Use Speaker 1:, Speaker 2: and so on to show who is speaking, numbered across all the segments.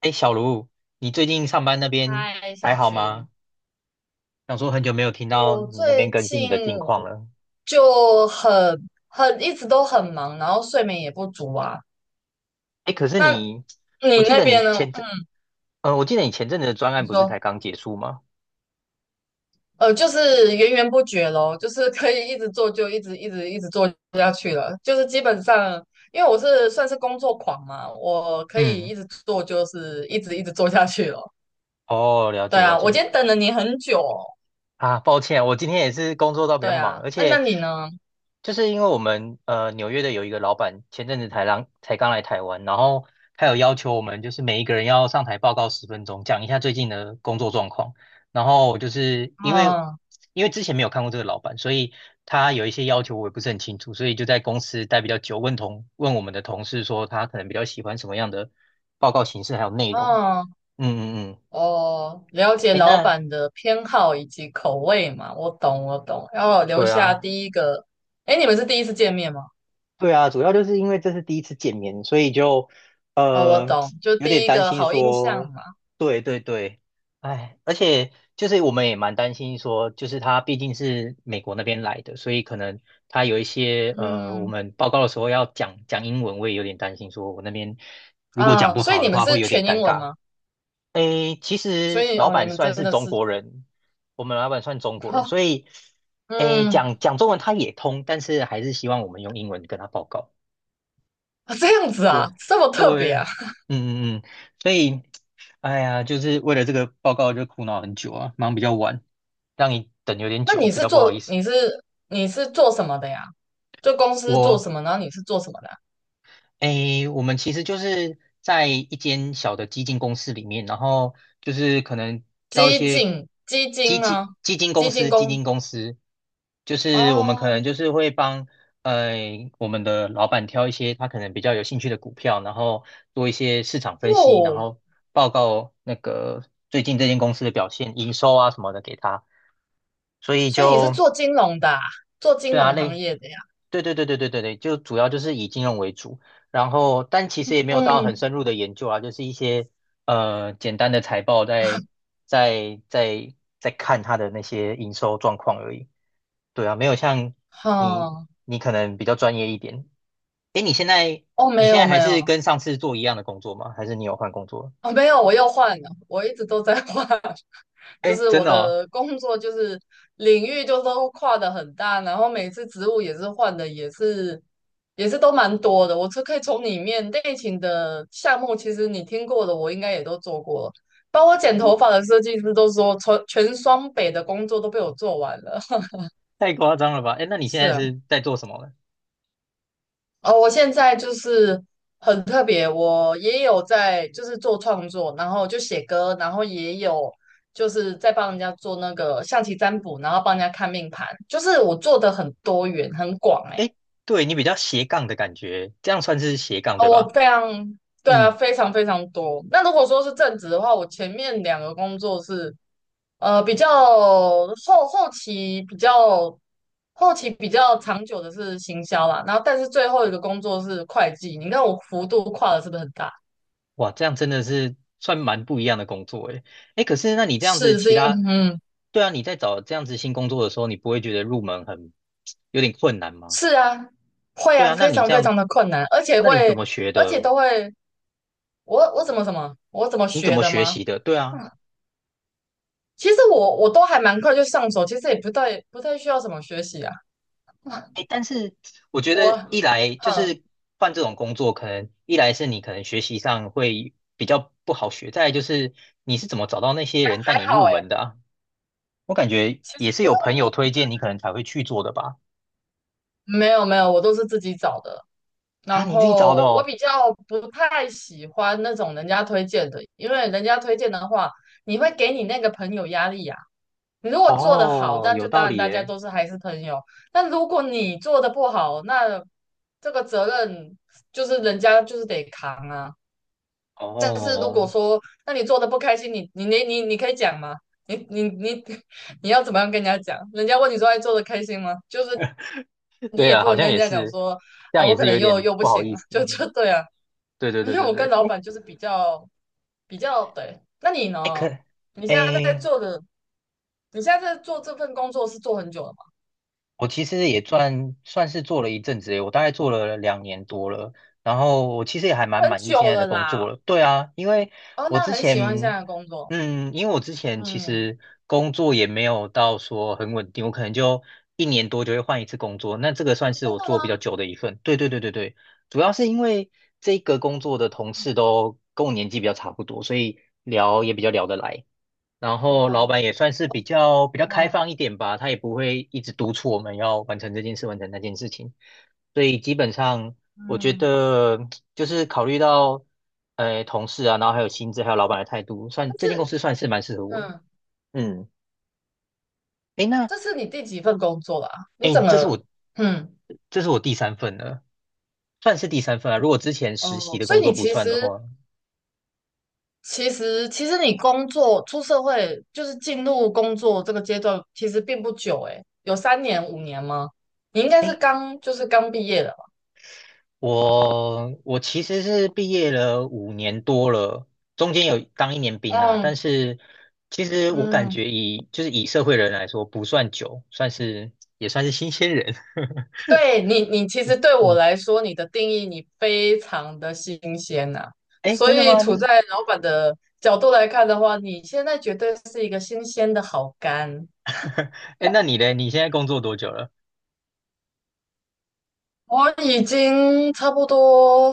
Speaker 1: 哎，小卢，你最近上班那边
Speaker 2: 嗨，
Speaker 1: 还
Speaker 2: 小
Speaker 1: 好
Speaker 2: 群，
Speaker 1: 吗？想说很久没有听到
Speaker 2: 我
Speaker 1: 你那边
Speaker 2: 最
Speaker 1: 更新你
Speaker 2: 近
Speaker 1: 的近况了。
Speaker 2: 就很一直都很忙，然后睡眠也不足啊。
Speaker 1: 哎，可是
Speaker 2: 那
Speaker 1: 你，
Speaker 2: 你
Speaker 1: 我记
Speaker 2: 那
Speaker 1: 得你
Speaker 2: 边呢？
Speaker 1: 前阵，
Speaker 2: 嗯，
Speaker 1: 我记得你前阵子的专
Speaker 2: 你
Speaker 1: 案不是
Speaker 2: 说，
Speaker 1: 才刚结束吗？
Speaker 2: 就是源源不绝咯，就是可以一直做，就一直一直一直做下去了。就是基本上，因为我是算是工作狂嘛，我可以
Speaker 1: 嗯，
Speaker 2: 一直做，就是一直一直做下去了。
Speaker 1: 哦，了
Speaker 2: 对
Speaker 1: 解了
Speaker 2: 啊，我
Speaker 1: 解。
Speaker 2: 今天等了你很久哦。
Speaker 1: 啊，抱歉，我今天也是工作到比较
Speaker 2: 对
Speaker 1: 忙，
Speaker 2: 啊，
Speaker 1: 而
Speaker 2: 那
Speaker 1: 且
Speaker 2: 你呢？
Speaker 1: 就是因为我们纽约的有一个老板前阵子才刚来台湾，然后他有要求我们就是每一个人要上台报告10分钟，讲一下最近的工作状况。然后就是因为
Speaker 2: 嗯
Speaker 1: 因为之前没有看过这个老板，所以他有一些要求我也不是很清楚，所以就在公司待比较久，问我们的同事说他可能比较喜欢什么样的报告形式还有内容。
Speaker 2: 嗯。
Speaker 1: 嗯嗯嗯，
Speaker 2: 哦，了解
Speaker 1: 诶，
Speaker 2: 老
Speaker 1: 那
Speaker 2: 板的偏好以及口味嘛，我懂，我懂。要留
Speaker 1: 对
Speaker 2: 下
Speaker 1: 啊，
Speaker 2: 第一个，哎，你们是第一次见面吗？
Speaker 1: 对啊，主要就是因为这是第一次见面，所以就
Speaker 2: 哦，我
Speaker 1: 呃
Speaker 2: 懂，就
Speaker 1: 有
Speaker 2: 第
Speaker 1: 点
Speaker 2: 一
Speaker 1: 担
Speaker 2: 个
Speaker 1: 心
Speaker 2: 好印象
Speaker 1: 说，
Speaker 2: 嘛。
Speaker 1: 对对对，哎，而且就是我们也蛮担心说，就是他毕竟是美国那边来的，所以可能他有一些我
Speaker 2: 嗯
Speaker 1: 们报告的时候要讲讲英文，我也有点担心说我那边如果讲
Speaker 2: 啊，
Speaker 1: 不
Speaker 2: 所以
Speaker 1: 好
Speaker 2: 你
Speaker 1: 的
Speaker 2: 们
Speaker 1: 话
Speaker 2: 是
Speaker 1: 会有点
Speaker 2: 全英
Speaker 1: 尴
Speaker 2: 文
Speaker 1: 尬。
Speaker 2: 吗？
Speaker 1: 诶，其
Speaker 2: 所
Speaker 1: 实
Speaker 2: 以
Speaker 1: 老
Speaker 2: 哦，你
Speaker 1: 板
Speaker 2: 们
Speaker 1: 算
Speaker 2: 真
Speaker 1: 是
Speaker 2: 的
Speaker 1: 中
Speaker 2: 是，
Speaker 1: 国人，我们老板算中国人，
Speaker 2: 哦，
Speaker 1: 所以诶
Speaker 2: 嗯，
Speaker 1: 讲讲中文他也通，但是还是希望我们用英文跟他报告。
Speaker 2: 啊这样子啊，
Speaker 1: 对
Speaker 2: 这么特
Speaker 1: 对，
Speaker 2: 别啊。
Speaker 1: 嗯嗯嗯，所以，哎呀，就是为了这个报告就苦恼很久啊，忙比较晚，让你等有 点
Speaker 2: 那
Speaker 1: 久，
Speaker 2: 你
Speaker 1: 比
Speaker 2: 是
Speaker 1: 较不好意
Speaker 2: 做
Speaker 1: 思。
Speaker 2: 你是你是做什么的呀？就公司做什
Speaker 1: 我
Speaker 2: 么，然后你是做什么的啊
Speaker 1: 我们其实就是在一间小的基金公司里面，然后就是可能挑一
Speaker 2: 基
Speaker 1: 些
Speaker 2: 金基
Speaker 1: 基
Speaker 2: 金
Speaker 1: 金
Speaker 2: 吗？
Speaker 1: 基金公
Speaker 2: 基金
Speaker 1: 司，基
Speaker 2: 工
Speaker 1: 金公司就是我们可
Speaker 2: 哦
Speaker 1: 能就是会帮呃我们的老板挑一些他可能比较有兴趣的股票，然后做一些市场分析，然
Speaker 2: 哦。
Speaker 1: 后报告那个最近这间公司的表现、营收啊什么的给他，所以
Speaker 2: 所以你是
Speaker 1: 就。
Speaker 2: 做金融的啊，做金
Speaker 1: 对啊，
Speaker 2: 融行业的呀？
Speaker 1: 对对对对对对对，就主要就是以金融为主，然后但其实也没有到
Speaker 2: 嗯，
Speaker 1: 很深入的研究啊，就是一些简单的财报在在在看它的那些营收状况而已。对啊，没有像你
Speaker 2: 好，
Speaker 1: 你可能比较专业一点。诶，你现在
Speaker 2: 哦，
Speaker 1: 你
Speaker 2: 没
Speaker 1: 现
Speaker 2: 有
Speaker 1: 在
Speaker 2: 没
Speaker 1: 还是
Speaker 2: 有，
Speaker 1: 跟上次做一样的工作吗？还是你有换工作了？
Speaker 2: 哦没有，我又换了，我一直都在换，就
Speaker 1: 诶，
Speaker 2: 是我
Speaker 1: 真的哦，
Speaker 2: 的工作就是领域就都跨的很大，然后每次职务也是换的，也是都蛮多的。我是可以从里面内勤的项目，其实你听过的，我应该也都做过了，包括剪头发
Speaker 1: 嗯，
Speaker 2: 的设计师都说，全双北的工作都被我做完了。
Speaker 1: 太夸张了吧？诶，那你现
Speaker 2: 是
Speaker 1: 在
Speaker 2: 啊。
Speaker 1: 是在做什么呢？
Speaker 2: 哦，我现在就是很特别，我也有在就是做创作，然后就写歌，然后也有就是在帮人家做那个象棋占卜，然后帮人家看命盘，就是我做的很多元很广哎、
Speaker 1: 诶，对，你比较斜杠的感觉，这样算是斜杠
Speaker 2: 哦，
Speaker 1: 对
Speaker 2: 我
Speaker 1: 吧？
Speaker 2: 非常对啊，
Speaker 1: 嗯，
Speaker 2: 非常非常多。那如果说是正职的话，我前面两个工作是呃比较后后期比较后期比较长久的是行销啦，然后但是最后一个工作是会计，你看我幅度跨的是不是很大？
Speaker 1: 哇，这样真的是算蛮不一样的工作诶。诶，可是那你这样子，
Speaker 2: 是是
Speaker 1: 其
Speaker 2: 因
Speaker 1: 他，
Speaker 2: 嗯
Speaker 1: 对啊，你在找这样子新工作的时候，你不会觉得入门很有点困难吗？
Speaker 2: 是啊，会
Speaker 1: 对
Speaker 2: 啊，
Speaker 1: 啊，
Speaker 2: 非常非常的困难，
Speaker 1: 那你怎么学
Speaker 2: 而且
Speaker 1: 的？
Speaker 2: 都会，我怎么
Speaker 1: 你怎
Speaker 2: 学
Speaker 1: 么
Speaker 2: 的
Speaker 1: 学
Speaker 2: 吗？
Speaker 1: 习的？对啊，
Speaker 2: 嗯，其实我都还蛮快就上手，其实也不太需要什么学习啊。嗯
Speaker 1: 诶，但是我觉
Speaker 2: 我
Speaker 1: 得一来就
Speaker 2: 嗯
Speaker 1: 是换这种工作，可能一来是你可能学习上会比较不好学，再来就是你是怎么找到那些
Speaker 2: 还
Speaker 1: 人带
Speaker 2: 还
Speaker 1: 你
Speaker 2: 好
Speaker 1: 入
Speaker 2: 诶，
Speaker 1: 门的啊？我感觉
Speaker 2: 其
Speaker 1: 也
Speaker 2: 实
Speaker 1: 是
Speaker 2: 不
Speaker 1: 有朋友
Speaker 2: 用
Speaker 1: 推荐你，可能才会去做的吧。
Speaker 2: 没有没有，我都是自己找的。
Speaker 1: 啊，
Speaker 2: 然
Speaker 1: 你自己找的
Speaker 2: 后我
Speaker 1: 哦。
Speaker 2: 比较不太喜欢那种人家推荐的，因为人家推荐的话，你会给你那个朋友压力呀、你如果做得好，
Speaker 1: 哦，
Speaker 2: 那
Speaker 1: 有
Speaker 2: 就当
Speaker 1: 道
Speaker 2: 然
Speaker 1: 理
Speaker 2: 大家
Speaker 1: 耶。
Speaker 2: 都是还是朋友。但如果你做的不好，那这个责任就是人家就是得扛啊。但是如果
Speaker 1: 哦，
Speaker 2: 说，那你做的不开心，你可以讲吗？你你你 你要怎么样跟人家讲？人家问你说，哎，做的开心吗？就是你
Speaker 1: 对
Speaker 2: 也
Speaker 1: 啊，
Speaker 2: 不
Speaker 1: 好
Speaker 2: 能跟
Speaker 1: 像
Speaker 2: 人
Speaker 1: 也
Speaker 2: 家讲
Speaker 1: 是，
Speaker 2: 说，
Speaker 1: 这样
Speaker 2: 我
Speaker 1: 也
Speaker 2: 可
Speaker 1: 是
Speaker 2: 能
Speaker 1: 有
Speaker 2: 又
Speaker 1: 点
Speaker 2: 又不
Speaker 1: 不好
Speaker 2: 行
Speaker 1: 意
Speaker 2: 了，
Speaker 1: 思。
Speaker 2: 就 对啊。
Speaker 1: 对对
Speaker 2: 因
Speaker 1: 对
Speaker 2: 为
Speaker 1: 对
Speaker 2: 我跟
Speaker 1: 对。
Speaker 2: 老
Speaker 1: 哎
Speaker 2: 板就是比较对。那你
Speaker 1: 哎，
Speaker 2: 呢？你现在在
Speaker 1: 哎，
Speaker 2: 做的，你现在在做这份工作是做很久了吗？
Speaker 1: 我其实也算是做了一阵子诶，我大概做了2年多了，然后我其实也还蛮
Speaker 2: 很
Speaker 1: 满意
Speaker 2: 久
Speaker 1: 现在
Speaker 2: 了
Speaker 1: 的工
Speaker 2: 啦。
Speaker 1: 作了。对啊，
Speaker 2: 哦，
Speaker 1: 我
Speaker 2: 那
Speaker 1: 之
Speaker 2: 很喜欢现
Speaker 1: 前，
Speaker 2: 在的工作。
Speaker 1: 因为我之前其
Speaker 2: 嗯，
Speaker 1: 实工作也没有到说很稳定，我可能就一年多就会换一次工作，那这个算
Speaker 2: 哦
Speaker 1: 是
Speaker 2: 真
Speaker 1: 我
Speaker 2: 的
Speaker 1: 做比较
Speaker 2: 吗？
Speaker 1: 久的一份。对对对对对，主要是因为这个工作的同事都跟我年纪比较差不多，所以聊也比较聊得来。然后老
Speaker 2: 哦，
Speaker 1: 板也算是比较开
Speaker 2: 嗯
Speaker 1: 放一点吧，他也不会一直督促我们要完成这件事，完成那件事情。所以基本上，我觉
Speaker 2: 嗯，
Speaker 1: 得就是考虑到同事啊，然后还有薪资，还有老板的态度，算
Speaker 2: 但
Speaker 1: 这间公
Speaker 2: 是
Speaker 1: 司算是蛮适合我的
Speaker 2: 嗯，
Speaker 1: 嗯，诶，那
Speaker 2: 这是你第几份工作啦？你整
Speaker 1: 诶，这是
Speaker 2: 个
Speaker 1: 我
Speaker 2: 嗯
Speaker 1: 这是我第三份了，算是第三份啊。如果之前实
Speaker 2: 哦，
Speaker 1: 习的
Speaker 2: 所以
Speaker 1: 工作
Speaker 2: 你
Speaker 1: 不
Speaker 2: 其
Speaker 1: 算的
Speaker 2: 实
Speaker 1: 话，
Speaker 2: 你工作出社会就是进入工作这个阶段，其实并不久诶，有三年五年吗？你应该是刚就是刚毕业的吧？
Speaker 1: 我其实是毕业了5年多了，中间有当一年兵啊，
Speaker 2: 嗯
Speaker 1: 但是其实我感
Speaker 2: 嗯。
Speaker 1: 觉以就是以社会人来说不算久，也算是新鲜人。
Speaker 2: 你其实对我
Speaker 1: 嗯，
Speaker 2: 来说，你的定义你非常的新鲜呐、
Speaker 1: 哎，
Speaker 2: 所
Speaker 1: 真的
Speaker 2: 以
Speaker 1: 吗？
Speaker 2: 处在老板的角度来看的话，你现在绝对是一个新鲜的好干。
Speaker 1: 哎，那你嘞？你现在工作多久了？
Speaker 2: 我已经差不多，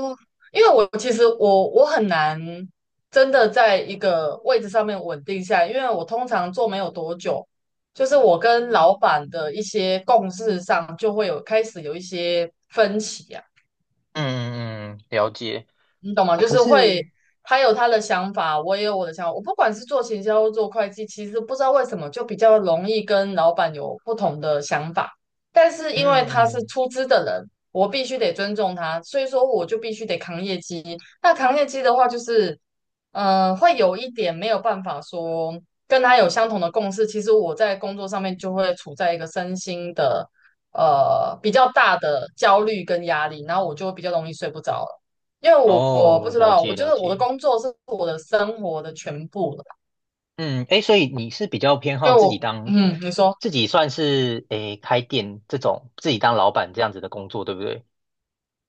Speaker 2: 因为我其实我很难真的在一个位置上面稳定下来，因为我通常做没有多久，就是我跟老板的一些共识上就会有开始有一些分歧啊。
Speaker 1: 嗯嗯，了解。
Speaker 2: 你懂吗？
Speaker 1: 啊，
Speaker 2: 就
Speaker 1: 可
Speaker 2: 是会，
Speaker 1: 是
Speaker 2: 他有他的想法，我也有我的想法。我不管是做行销或做会计，其实不知道为什么就比较容易跟老板有不同的想法。但是因为他是
Speaker 1: 嗯，
Speaker 2: 出资的人，我必须得尊重他，所以说我就必须得扛业绩。那扛业绩的话，会有一点没有办法说跟他有相同的共识。其实我在工作上面就会处在一个身心的，比较大的焦虑跟压力，然后我就会比较容易睡不着。因为我不
Speaker 1: 哦，
Speaker 2: 知
Speaker 1: 了
Speaker 2: 道，我
Speaker 1: 解
Speaker 2: 觉
Speaker 1: 了
Speaker 2: 得我的
Speaker 1: 解。
Speaker 2: 工作是我的生活的全部了。
Speaker 1: 嗯，哎，所以你是比较偏
Speaker 2: 因
Speaker 1: 好
Speaker 2: 为我，嗯，你说，
Speaker 1: 自己算是开店这种，自己当老板这样子的工作，对不对？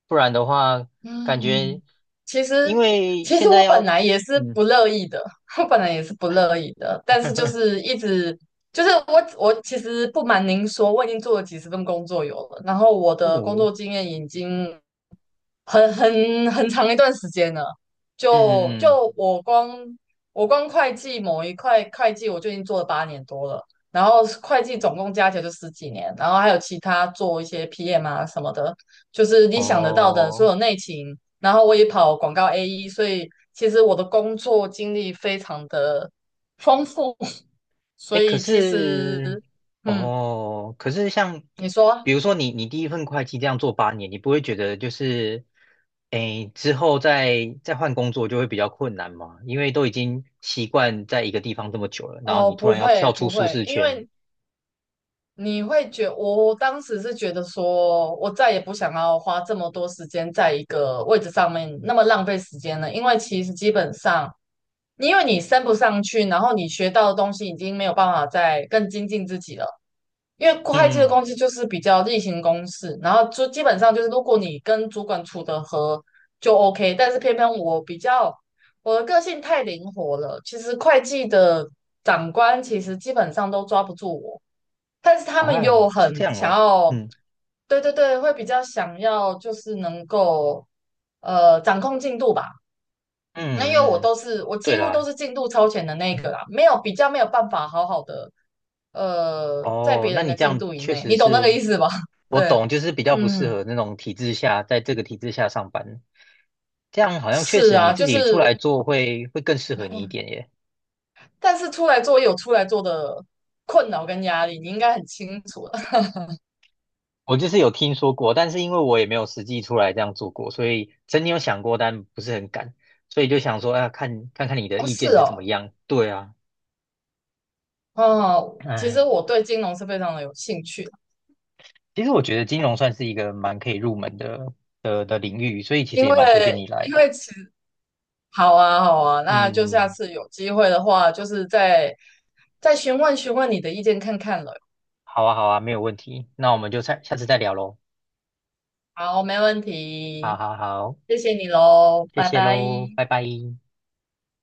Speaker 1: 不然的话，
Speaker 2: 嗯，
Speaker 1: 感觉
Speaker 2: 其
Speaker 1: 因
Speaker 2: 实
Speaker 1: 为
Speaker 2: 其实
Speaker 1: 现在
Speaker 2: 我本
Speaker 1: 要，
Speaker 2: 来也是
Speaker 1: 嗯
Speaker 2: 不乐意的，我本来也是不乐意的，但是就是 一直就是我其实不瞒您说，我已经做了几十份工作有了，然后我的工作
Speaker 1: 嗯
Speaker 2: 经验已经很长一段时间了。就
Speaker 1: 嗯嗯，
Speaker 2: 就我光我光会计某一块会计，我就已经做了8年多了。然后会计总共加起来就十几年，然后还有其他做一些 PM 啊什么的，就是你想得到的所
Speaker 1: 哦。
Speaker 2: 有内勤。然后我也跑广告 AE，所以其实我的工作经历非常的丰富。所
Speaker 1: 哎，可
Speaker 2: 以其实，
Speaker 1: 是，
Speaker 2: 嗯，
Speaker 1: 哦，可是像，
Speaker 2: 你说啊
Speaker 1: 比如说你第一份会计这样做8年，你不会觉得就是，哎，之后再换工作就会比较困难吗？因为都已经习惯在一个地方这么久了，然后
Speaker 2: 哦，
Speaker 1: 你突
Speaker 2: 不
Speaker 1: 然要
Speaker 2: 会
Speaker 1: 跳出
Speaker 2: 不
Speaker 1: 舒
Speaker 2: 会，
Speaker 1: 适
Speaker 2: 因
Speaker 1: 圈，
Speaker 2: 为你会觉我当时是觉得说，我再也不想要花这么多时间在一个位置上面，那么浪费时间了。因为其实基本上，因为你升不上去，然后你学到的东西已经没有办法再更精进自己了。因为会计
Speaker 1: 嗯
Speaker 2: 的
Speaker 1: 嗯，
Speaker 2: 东西就是比较例行公事，然后就基本上就是如果你跟主管处得和就 OK，但是偏偏我比较我的个性太灵活了，其实会计的长官其实基本上都抓不住我。但是他们
Speaker 1: 啊，
Speaker 2: 又很
Speaker 1: 是这样
Speaker 2: 想
Speaker 1: 哦，
Speaker 2: 要，
Speaker 1: 嗯
Speaker 2: 对对对，会比较想要就是能够掌控进度吧。那因为
Speaker 1: 嗯嗯，
Speaker 2: 我几
Speaker 1: 对
Speaker 2: 乎都
Speaker 1: 啦。
Speaker 2: 是进度超前的那一个啦，没有办法好好的在
Speaker 1: 哦，
Speaker 2: 别
Speaker 1: 那
Speaker 2: 人
Speaker 1: 你
Speaker 2: 的
Speaker 1: 这
Speaker 2: 进
Speaker 1: 样
Speaker 2: 度以
Speaker 1: 确
Speaker 2: 内，
Speaker 1: 实
Speaker 2: 你懂那个意
Speaker 1: 是，
Speaker 2: 思吧？
Speaker 1: 我
Speaker 2: 对，
Speaker 1: 懂，就是比较不适
Speaker 2: 嗯，
Speaker 1: 合那种体制下，在这个体制下上班，这样好像确
Speaker 2: 是
Speaker 1: 实你
Speaker 2: 啊，
Speaker 1: 自
Speaker 2: 就是
Speaker 1: 己出来做会更适合你一点耶。
Speaker 2: 但是出来做也有出来做的困扰跟压力，你应该很清楚的。
Speaker 1: 我就是有听说过，但是因为我也没有实际出来这样做过，所以曾经有想过，但不是很敢，所以就想说，啊，看看你的
Speaker 2: 哦，
Speaker 1: 意
Speaker 2: 是
Speaker 1: 见是怎么
Speaker 2: 哦，
Speaker 1: 样。对啊，
Speaker 2: 哦，其实
Speaker 1: 哎，
Speaker 2: 我对金融是非常的有兴趣的
Speaker 1: 其实我觉得金融算是一个蛮可以入门的领域，所以其实
Speaker 2: 因
Speaker 1: 也
Speaker 2: 为
Speaker 1: 蛮推荐你来
Speaker 2: 因
Speaker 1: 的。
Speaker 2: 为其实好啊，好啊，那就
Speaker 1: 嗯。
Speaker 2: 下次有机会的话，就是再询问询问你的意见看看了。
Speaker 1: 好啊，好啊，没有问题。那我们就下次再聊喽。
Speaker 2: 好，没问
Speaker 1: 好
Speaker 2: 题，
Speaker 1: 好好，
Speaker 2: 谢谢你喽，
Speaker 1: 谢
Speaker 2: 拜
Speaker 1: 谢
Speaker 2: 拜。
Speaker 1: 喽，拜拜。